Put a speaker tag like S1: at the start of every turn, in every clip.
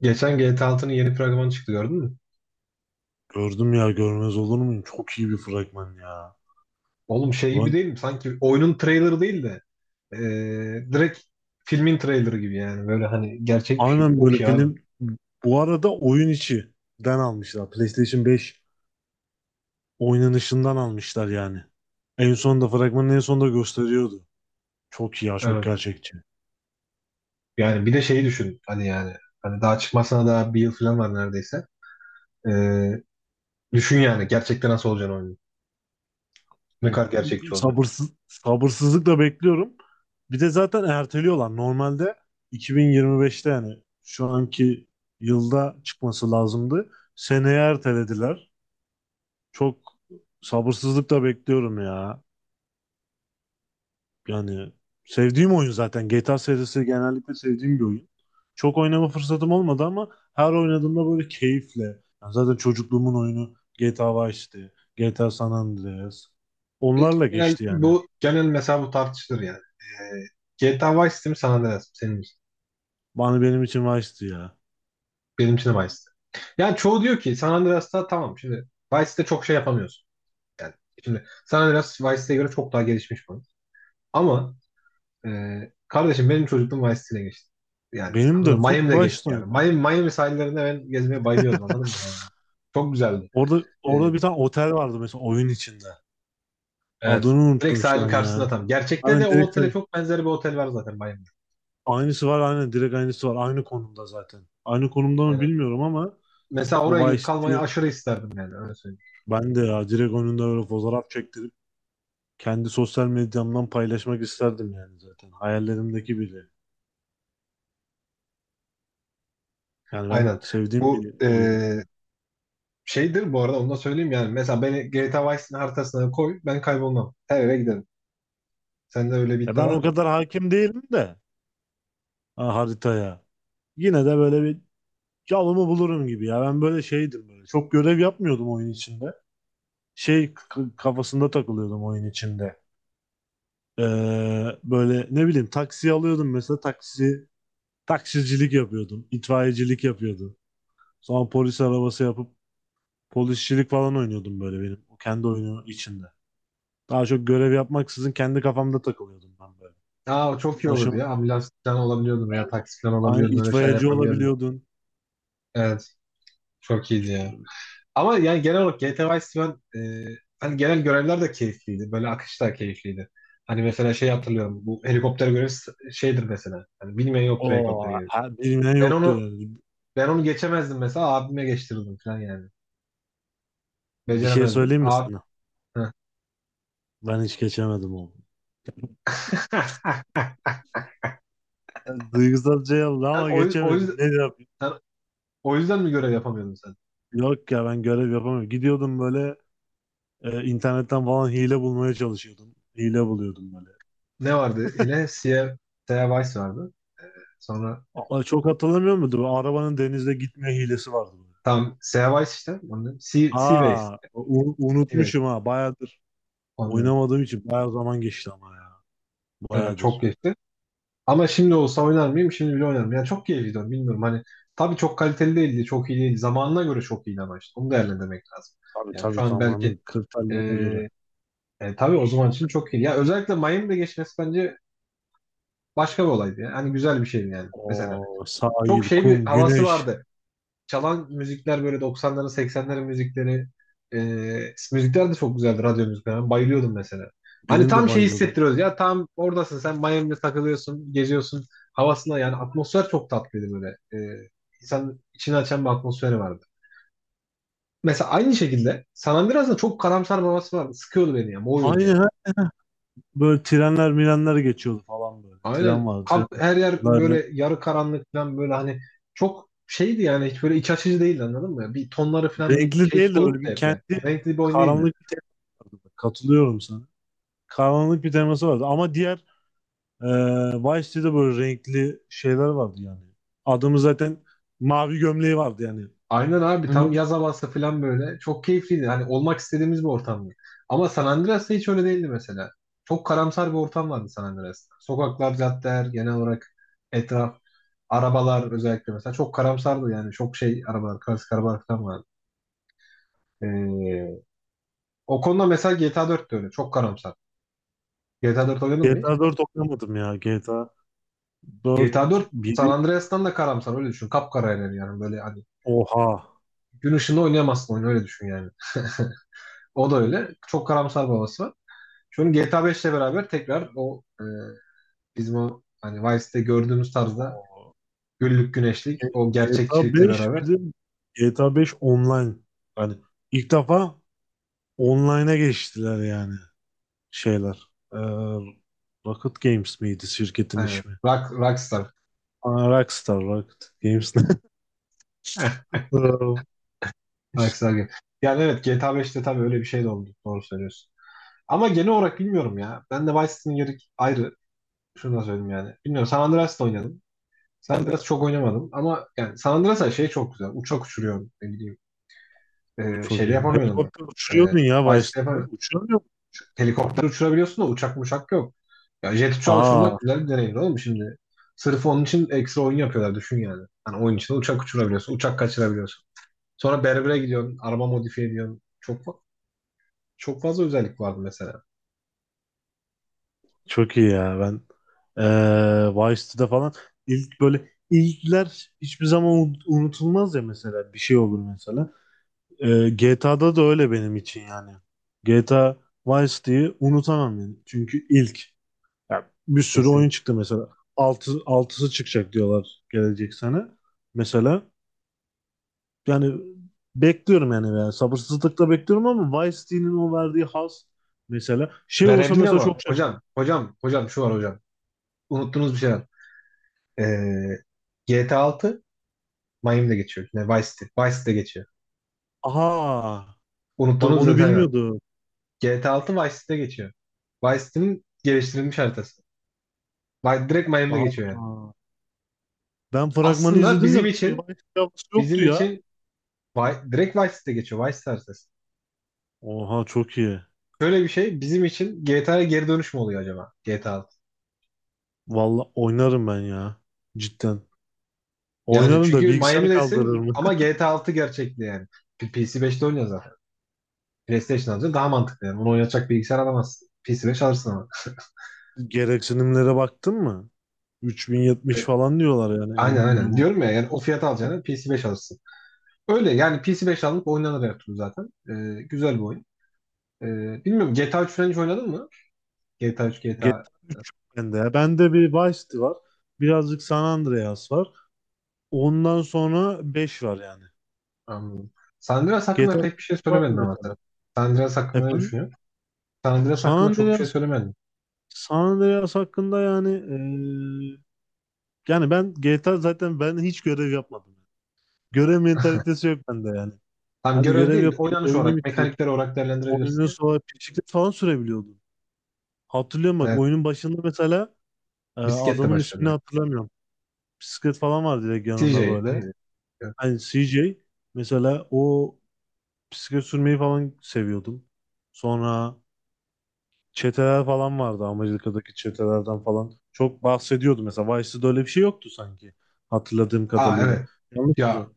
S1: Geçen GTA altının yeni fragmanı çıktı gördün mü?
S2: Gördüm ya, görmez olur muyum? Çok iyi bir fragman ya.
S1: Oğlum şey gibi
S2: Ulan,
S1: değil mi? Sanki oyunun trailerı değil de direkt filmin trailerı gibi yani. Böyle hani gerçek bir şey.
S2: aynen,
S1: Çok
S2: böyle
S1: iyi abi.
S2: film. Bu arada oyun içinden almışlar. PlayStation 5 oynanışından almışlar yani. En sonunda, fragmanın en sonunda gösteriyordu. Çok iyi ya, çok
S1: Evet.
S2: gerçekçi.
S1: Yani bir de şeyi düşün. Hani daha çıkmasına daha bir yıl falan var neredeyse. Eee, düşün yani gerçekten nasıl olacağını oyunun. Ne
S2: O,
S1: kadar gerçekçi olacak.
S2: sabırsızlıkla bekliyorum. Bir de zaten erteliyorlar. Normalde 2025'te, yani şu anki yılda çıkması lazımdı. Seneye ertelediler. Çok sabırsızlıkla bekliyorum ya. Yani sevdiğim oyun zaten. GTA serisi genellikle sevdiğim bir oyun. Çok oynama fırsatım olmadı ama her oynadığımda böyle keyifle. Yani zaten çocukluğumun oyunu GTA Vice'ti. GTA San Andreas. Onlarla geçti yani.
S1: Bu genel mesela bu tartışılır yani. GTA Vice City mi San Andreas mı? Senin için.
S2: Bana, benim için Vice'ti ya.
S1: Benim için de Vice City. Yani çoğu diyor ki San Andreas'ta tamam şimdi Vice'de çok şey yapamıyorsun. Yani şimdi sen Andreas Vice City'ye göre çok daha gelişmiş bu. Ama e, kardeşim benim çocukluğum Vice City'ne geçti. Yani
S2: Benim de
S1: anladın mı?
S2: full
S1: Miami'de geçti
S2: Vice'de
S1: yani.
S2: oynadım.
S1: Miami, Miami sahillerinde ben gezmeye bayılıyordum anladın mı yani. Çok güzeldi.
S2: Orada
S1: E,
S2: orada bir tane otel vardı mesela oyun içinde.
S1: evet.
S2: Adını
S1: Direkt
S2: unuttum şu
S1: sahilin
S2: an
S1: karşısında
S2: ya.
S1: tam. Gerçekte de
S2: Hani
S1: o
S2: direkt
S1: otele çok benzer bir otel var zaten Miami'de.
S2: aynısı var, aynen, direkt aynısı var. Aynı konumda zaten. Aynı konumda mı
S1: Aynen.
S2: bilmiyorum ama
S1: Mesela oraya
S2: o
S1: gidip
S2: Vice
S1: kalmayı aşırı isterdim yani öyle söyleyeyim.
S2: ben de ya direkt önünde böyle fotoğraf çektirip kendi sosyal medyamdan paylaşmak isterdim yani zaten. Hayallerimdeki biri. Yani ben
S1: Aynen.
S2: sevdiğim
S1: Bu
S2: bir oyun yani.
S1: şeydir bu arada onu da söyleyeyim yani. Mesela beni GTA Vice City'nin haritasına koy ben kaybolmam. Her yere giderim. Sende öyle bir
S2: E,
S1: iddia
S2: ben
S1: var
S2: o
S1: mı?
S2: kadar hakim değilim de ha, haritaya. Yine de böyle bir yolumu bulurum gibi ya. Ben böyle şeydim böyle. Çok görev yapmıyordum oyun içinde. Kafasında takılıyordum oyun içinde. Ee, Böyle ne bileyim, taksi alıyordum mesela, taksicilik yapıyordum. İtfaiyecilik yapıyordum. Sonra polis arabası yapıp polisçilik falan oynuyordum böyle benim. O kendi oyunu içinde. Daha çok görev yapmaksızın kendi kafamda takılıyordum ben böyle.
S1: Aa, çok iyi olurdu
S2: Hoşuma.
S1: ya. Ambulans falan olabiliyordun veya taksi falan
S2: Aynı,
S1: olabiliyordun. Öyle şeyler
S2: itfaiyeci
S1: yapabiliyordun.
S2: olabiliyordun.
S1: Evet. Çok iyiydi ya. Ama yani genel olarak GTA Vice City ben hani genel görevler de keyifliydi. Böyle akış da keyifliydi. Hani mesela şey hatırlıyorum. Bu helikopter görevi şeydir mesela. Hani bilmeyen yoktur
S2: O,
S1: helikopter görevi.
S2: bilmeyen
S1: Ben
S2: yoktur
S1: onu
S2: yani.
S1: ben onu geçemezdim mesela. Abime geçtirirdim falan yani.
S2: Bir şey
S1: Beceremezdim.
S2: söyleyeyim mi
S1: Abi,
S2: sana? Ben hiç geçemedim onu. Duygusal şey oldu
S1: sen
S2: ama
S1: o, yüz- o
S2: geçemedim.
S1: yüzden
S2: Ne yapayım?
S1: sen o yüzden mi görev yapamıyordun sen?
S2: Yok ya, ben görev yapamıyorum. Gidiyordum böyle, internetten falan hile bulmaya çalışıyordum. Hile buluyordum böyle.
S1: Ne vardı? Yine Sierra Vice vardı. Sonra
S2: Aa, çok hatırlamıyor muydun? Bu arabanın denizde gitme hilesi vardı böyle.
S1: tam Seaways işte. Onun, Seaways.
S2: Aa,
S1: Seaways.
S2: unutmuşum ha.
S1: Onun,
S2: Oynamadığım için bayağı zaman geçti ama ya.
S1: evet çok
S2: Bayağıdır.
S1: geçti. Ama şimdi olsa oynar mıyım? Şimdi bile oynarım. Yani çok keyifliydi. Bilmiyorum hani. Tabii çok kaliteli değildi. Çok iyi değildi. Zamanına göre çok iyi ama işte. Onu değerlendirmek lazım.
S2: Tabii
S1: Yani şu
S2: tabii,
S1: an belki
S2: zamanın kriterlerine göre.
S1: e, tabii o zaman için çok iyi. Ya özellikle Miami'de geçmesi bence başka bir olaydı. Yani. Hani güzel bir şeydi yani. Mesela
S2: O
S1: çok
S2: sahil,
S1: şey bir
S2: kum,
S1: havası
S2: güneş.
S1: vardı. Çalan müzikler böyle doksanların, seksenlerin müzikleri e, müzikler de çok güzeldi radyo müzikler. Ben bayılıyordum mesela. Hani
S2: Benim de
S1: tam şey
S2: bayılıyordum.
S1: hissettiriyoruz ya tam oradasın sen Miami'de takılıyorsun geziyorsun havasına yani atmosfer çok tatlıydı böyle. İnsan içini açan bir atmosferi vardı. Mesela aynı şekilde San Andreas'ın çok karamsar bir havası vardı. Sıkıyordu beni ya boğuyordu
S2: Aynı
S1: yani.
S2: ha, Böyle trenler mirenler geçiyordu falan böyle. Tren
S1: Aynen kamp,
S2: vardı.
S1: her yer
S2: Trenler
S1: böyle yarı karanlık falan böyle hani çok şeydi yani hiç böyle iç açıcı değildi anladın mı? Bir tonları falan bir
S2: Renkli
S1: şey
S2: değil de böyle
S1: soluktu
S2: bir
S1: hep yani.
S2: kendi,
S1: Renkli bir oyun değildi.
S2: karanlık bir tema. Katılıyorum sana. Karanlık bir teması vardı. Ama diğer, e, Vice City'de böyle renkli şeyler vardı yani. Adamı zaten mavi gömleği vardı yani.
S1: Aynen abi tam yaz havası falan böyle. Çok keyifliydi. Hani olmak istediğimiz bir ortamdı. Ama San Andreas'ta hiç öyle değildi mesela. Çok karamsar bir ortam vardı San Andreas'ta. Sokaklar, caddeler, genel olarak etraf, arabalar özellikle mesela çok karamsardı yani. Çok şey arabalar, klasik arabalar falan vardı. Ee, o konuda mesela GTA 4 de öyle. Çok karamsar. GTA 4 oynadın mı hiç?
S2: GTA 4 oynamadım ya. GTA dört
S1: GTA 4 San
S2: biri.
S1: Andreas'tan da karamsar öyle düşün. Kapkara yani böyle hani
S2: Oha.
S1: gün ışığında oynayamazsın oyunu öyle düşün yani. O da öyle. Çok karamsar babası. Şu an GTA 5 ile beraber tekrar o bizim o hani Vice'de gördüğümüz tarzda
S2: Oo.
S1: güllük güneşlik
S2: G-
S1: o
S2: GTA
S1: gerçekçilikle
S2: 5.
S1: beraber
S2: Bir de GTA 5 online. Hani ilk defa online'a geçtiler yani, şeyler. Ee, Rocket Games miydi şirketin
S1: aynen
S2: ismi?
S1: rockstar
S2: Aa, Rockstar Rocket Games. Aa,
S1: rockstar gibi. Yani evet GTA 5'te tabii öyle bir şey de oldu. Doğru söylüyorsun. Ama genel olarak bilmiyorum ya. Ben de Vice City'nin yeri ayrı. Şunu da söyleyeyim yani. Bilmiyorum San Andreas'ta oynadım. San Andreas çok oynamadım ama yani San Andreas'a şey çok güzel. Uçak uçuruyorum ne bileyim.
S2: çok
S1: Şeyde
S2: iyi.
S1: yapamıyordum.
S2: Helikopter
S1: E,
S2: uçuruyordun ya
S1: Vice'de
S2: başta.
S1: yapamıyordum.
S2: Uçuramıyor musun uçakta?
S1: Helikopter uçurabiliyorsun da uçak yok. Ya jet uçağı
S2: Aa,
S1: uçurmak güzel bir deneyim oğlum şimdi. Sırf onun için ekstra oyun yapıyorlar düşün yani. Hani oyun içinde uçak uçurabiliyorsun, uçak kaçırabiliyorsun. Sonra berbere gidiyorsun, araba modifiye ediyorsun. Çok fazla özellik vardı mesela.
S2: çok iyi ya. Ben Vice'de falan, böyle ilkler hiçbir zaman unutulmaz ya, mesela bir şey olur mesela. GTA'da da öyle benim için yani. GTA Vice City'yi unutamam yani. Çünkü ilk, yani bir sürü
S1: Kesin.
S2: oyun çıktı mesela. Altısı çıkacak diyorlar gelecek sene. Mesela yani bekliyorum yani, sabırsızlıkla bekliyorum ama Vice City'nin o verdiği haz, mesela şey olsa
S1: Verebilir
S2: mesela çok
S1: ama
S2: şaşırırım.
S1: hocam, hocam, hocam şu var hocam. Unuttuğunuz bir şey var. Ee, GTA 6 Miami'de geçiyor. Ne, Vice City. Vice City'de geçiyor.
S2: Aha. Bak,
S1: Unuttuğunuz bir
S2: onu
S1: detay var.
S2: bilmiyordu.
S1: GTA 6 Vice City'de geçiyor. Vice City'nin geliştirilmiş haritası. Direkt Miami'de geçiyor yani.
S2: Aa, ben fragmanı
S1: Aslında
S2: izledim de
S1: bizim
S2: bir
S1: için
S2: Vice havası
S1: bizim
S2: yoktu ya.
S1: için direkt Vice City'de geçiyor. Vice Star ses.
S2: Oha çok iyi.
S1: Şöyle bir şey bizim için GTA'ya geri dönüş mü oluyor acaba? GTA 6.
S2: Valla oynarım ben ya. Cidden.
S1: Yani
S2: Oynarım da,
S1: çünkü
S2: bilgisayar kaldırır
S1: Miami'desin
S2: mı?
S1: ama GTA altı gerçekli yani. PC5'te oynuyor zaten. PlayStation alacaksın daha mantıklı yani. Onu oynatacak bilgisayar alamazsın. PC5 alırsın ama.
S2: Gereksinimlere baktın mı?
S1: E,
S2: 3070 falan diyorlar yani, en
S1: Aynen aynen.
S2: minimum.
S1: Diyorum ya yani o fiyata alacağını PC5 alırsın. Öyle yani PC5 alınıp oynanır her türlü zaten. Güzel bir oyun. E, bilmiyorum GTA 3 falan hiç oynadın mı? GTA 3, GTA.
S2: GTA 3 yok bende ya. Bende bir Vice City var. Birazcık San Andreas var. Ondan sonra 5 var yani.
S1: Anladım. San Andreas hakkında
S2: GTA
S1: pek bir
S2: 3
S1: şey
S2: var
S1: söylemedin ama sen.
S2: mesela.
S1: San Andreas hakkında ne
S2: Efendim?
S1: düşünüyorsun? San Andreas
S2: San
S1: hakkında çok bir şey
S2: Andreas
S1: söylemedin.
S2: San Andreas hakkında yani, eee yani ben GTA zaten, ben hiç görev yapmadım. Görev mentalitesi yok bende yani.
S1: Tam
S2: Hadi
S1: görev
S2: görev
S1: değil,
S2: yapayım,
S1: oynanış
S2: oyunu
S1: olarak,
S2: bitireyim.
S1: mekanikler olarak
S2: Oyunun
S1: değerlendirebilirsin yani.
S2: sonra bisiklet falan sürebiliyordum. Hatırlıyorum, bak,
S1: Evet,
S2: oyunun başında mesela,
S1: bisikletle
S2: adamın ismini
S1: başladı.
S2: hatırlamıyorum. Bisiklet falan var direkt yanında
S1: CJ
S2: böyle.
S1: neydi?
S2: Hani CJ, mesela o bisiklet sürmeyi falan seviyordum. Sonra çeteler falan vardı, Amerika'daki çetelerden falan çok bahsediyordu mesela. Vice'de öyle bir şey yoktu sanki, hatırladığım
S1: Aa evet.
S2: kadarıyla. Yanlış
S1: Ya
S2: mı?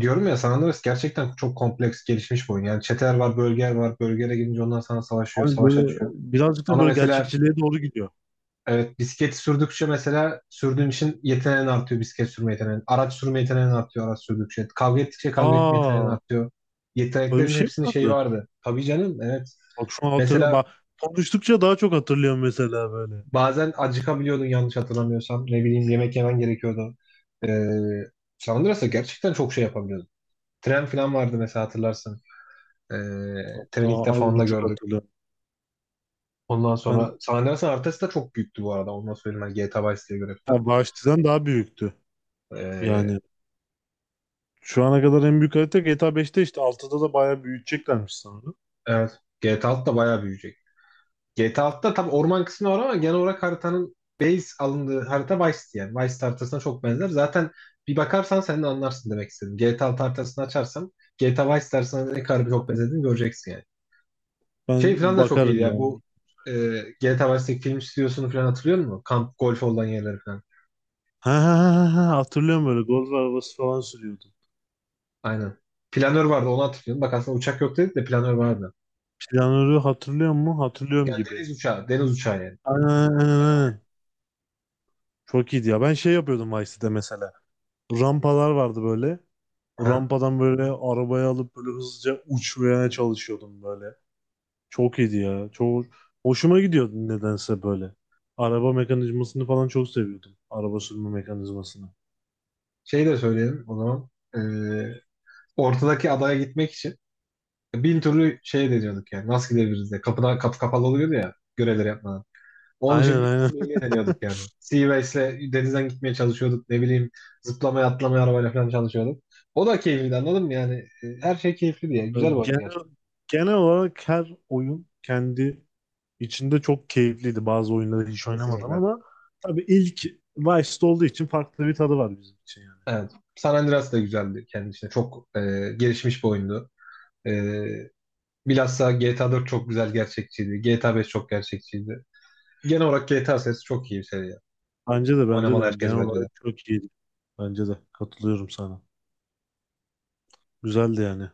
S1: diyorum ya San Andreas gerçekten çok kompleks gelişmiş bir oyun. Yani çeteler var, bölgeler var. Bölgelere gidince onlar sana savaşıyor,
S2: Hani
S1: savaş
S2: böyle
S1: açıyor.
S2: birazcık da
S1: Ama
S2: böyle
S1: mesela
S2: gerçekçiliğe doğru gidiyor.
S1: evet, bisiklet sürdükçe mesela sürdüğün için yeteneğin artıyor bisiklet sürme yeteneğin. Araç sürme yeteneğin artıyor araç sürdükçe. Kavga ettikçe kavga etme yeteneğin
S2: Aa,
S1: artıyor.
S2: böyle bir
S1: Yeteneklerin
S2: şey mi
S1: hepsinin şeyi
S2: vardı?
S1: vardı. Tabii canım evet.
S2: Bak şu an
S1: Mesela
S2: bak konuştukça daha çok hatırlıyorum mesela böyle.
S1: bazen acıkabiliyordun yanlış hatırlamıyorsam. Ne bileyim yemek yemen gerekiyordu. Ee, Sandras'a gerçekten çok şey yapabiliyordun. Tren falan vardı mesela hatırlarsın. Ee,
S2: Hatta
S1: treni ilk
S2: az
S1: defa onda
S2: buçuk
S1: gördük.
S2: hatırlıyorum.
S1: Ondan
S2: Ben
S1: sonra San Andreas'ın haritası da çok büyüktü bu arada. Ondan söyleyeyim ben GTA Vice City'ye göre falan.
S2: Ya Vahşti'den daha büyüktü.
S1: Ee,
S2: Yani şu ana kadar en büyük harita GTA 5'te, işte 6'da da bayağı büyüteceklermiş sanırım.
S1: evet. GTA 6 da bayağı büyüyecek. GTA 6'da tabii orman kısmı var ama genel olarak haritanın base alındığı harita Vice'ti yani. Vice haritasına çok benzer. Zaten bir bakarsan sen de anlarsın demek istedim. GTA 6 haritasını açarsam GTA Vice haritasına ne kadar çok benzediğini göreceksin yani. Şey
S2: Ben
S1: falan da çok iyiydi
S2: bakarım
S1: ya
S2: yani.
S1: bu e, GTA Vice'deki film stüdyosunu falan hatırlıyor musun? Kamp golf olan yerleri falan.
S2: Ha, hatırlıyorum, böyle golf arabası falan sürüyordu.
S1: Aynen. Planör vardı onu hatırlıyorum. Bak aslında uçak yok dedik de planör vardı.
S2: Planörü hatırlıyor mu? Hatırlıyorum
S1: Yani
S2: gibi.
S1: deniz uçağı, deniz uçağı yani.
S2: Aynen aynen
S1: Evet, aynen.
S2: aynen. Çok iyiydi ya. Ben şey yapıyordum Vice'de mesela, rampalar vardı böyle. O
S1: Aha.
S2: rampadan böyle arabayı alıp böyle hızlıca uçmaya çalışıyordum böyle. Çok iyiydi ya. Çok hoşuma gidiyordu nedense böyle. Araba mekanizmasını falan çok seviyordum. Araba sürme mekanizmasını.
S1: Şey de söyleyelim o zaman. E, ortadaki adaya gitmek için bin türlü şey deniyorduk yani. Nasıl gidebiliriz diye. Kapıdan kapı kapalı oluyordu ya. Görevleri yapmadan. Onun için
S2: Aynen
S1: bin
S2: aynen.
S1: türlü hile deniyorduk yani. Seaways'le denizden gitmeye çalışıyorduk. Ne bileyim zıplamaya atlamaya arabayla falan çalışıyorduk. O da keyifliydi anladın mı yani? Her şey keyifli diye. Güzel bir oyundu
S2: Genel,
S1: gerçekten.
S2: genel olarak her oyun kendi içinde çok keyifliydi. Bazı oyunları hiç oynamadım
S1: Kesinlikle.
S2: ama tabii ilk Vice'de olduğu için farklı bir tadı var bizim için yani.
S1: Evet. San Andreas da güzeldi kendi içinde. Çok gelişmiş bir oyundu. E, bilhassa GTA 4 çok güzel gerçekçiydi. GTA 5 çok gerçekçiydi. Genel olarak GTA serisi çok iyi bir seri ya.
S2: Bence de bence
S1: Oynamalı
S2: de genel
S1: herkes bence de.
S2: olarak çok iyiydi. Bence de, katılıyorum sana. Güzeldi yani.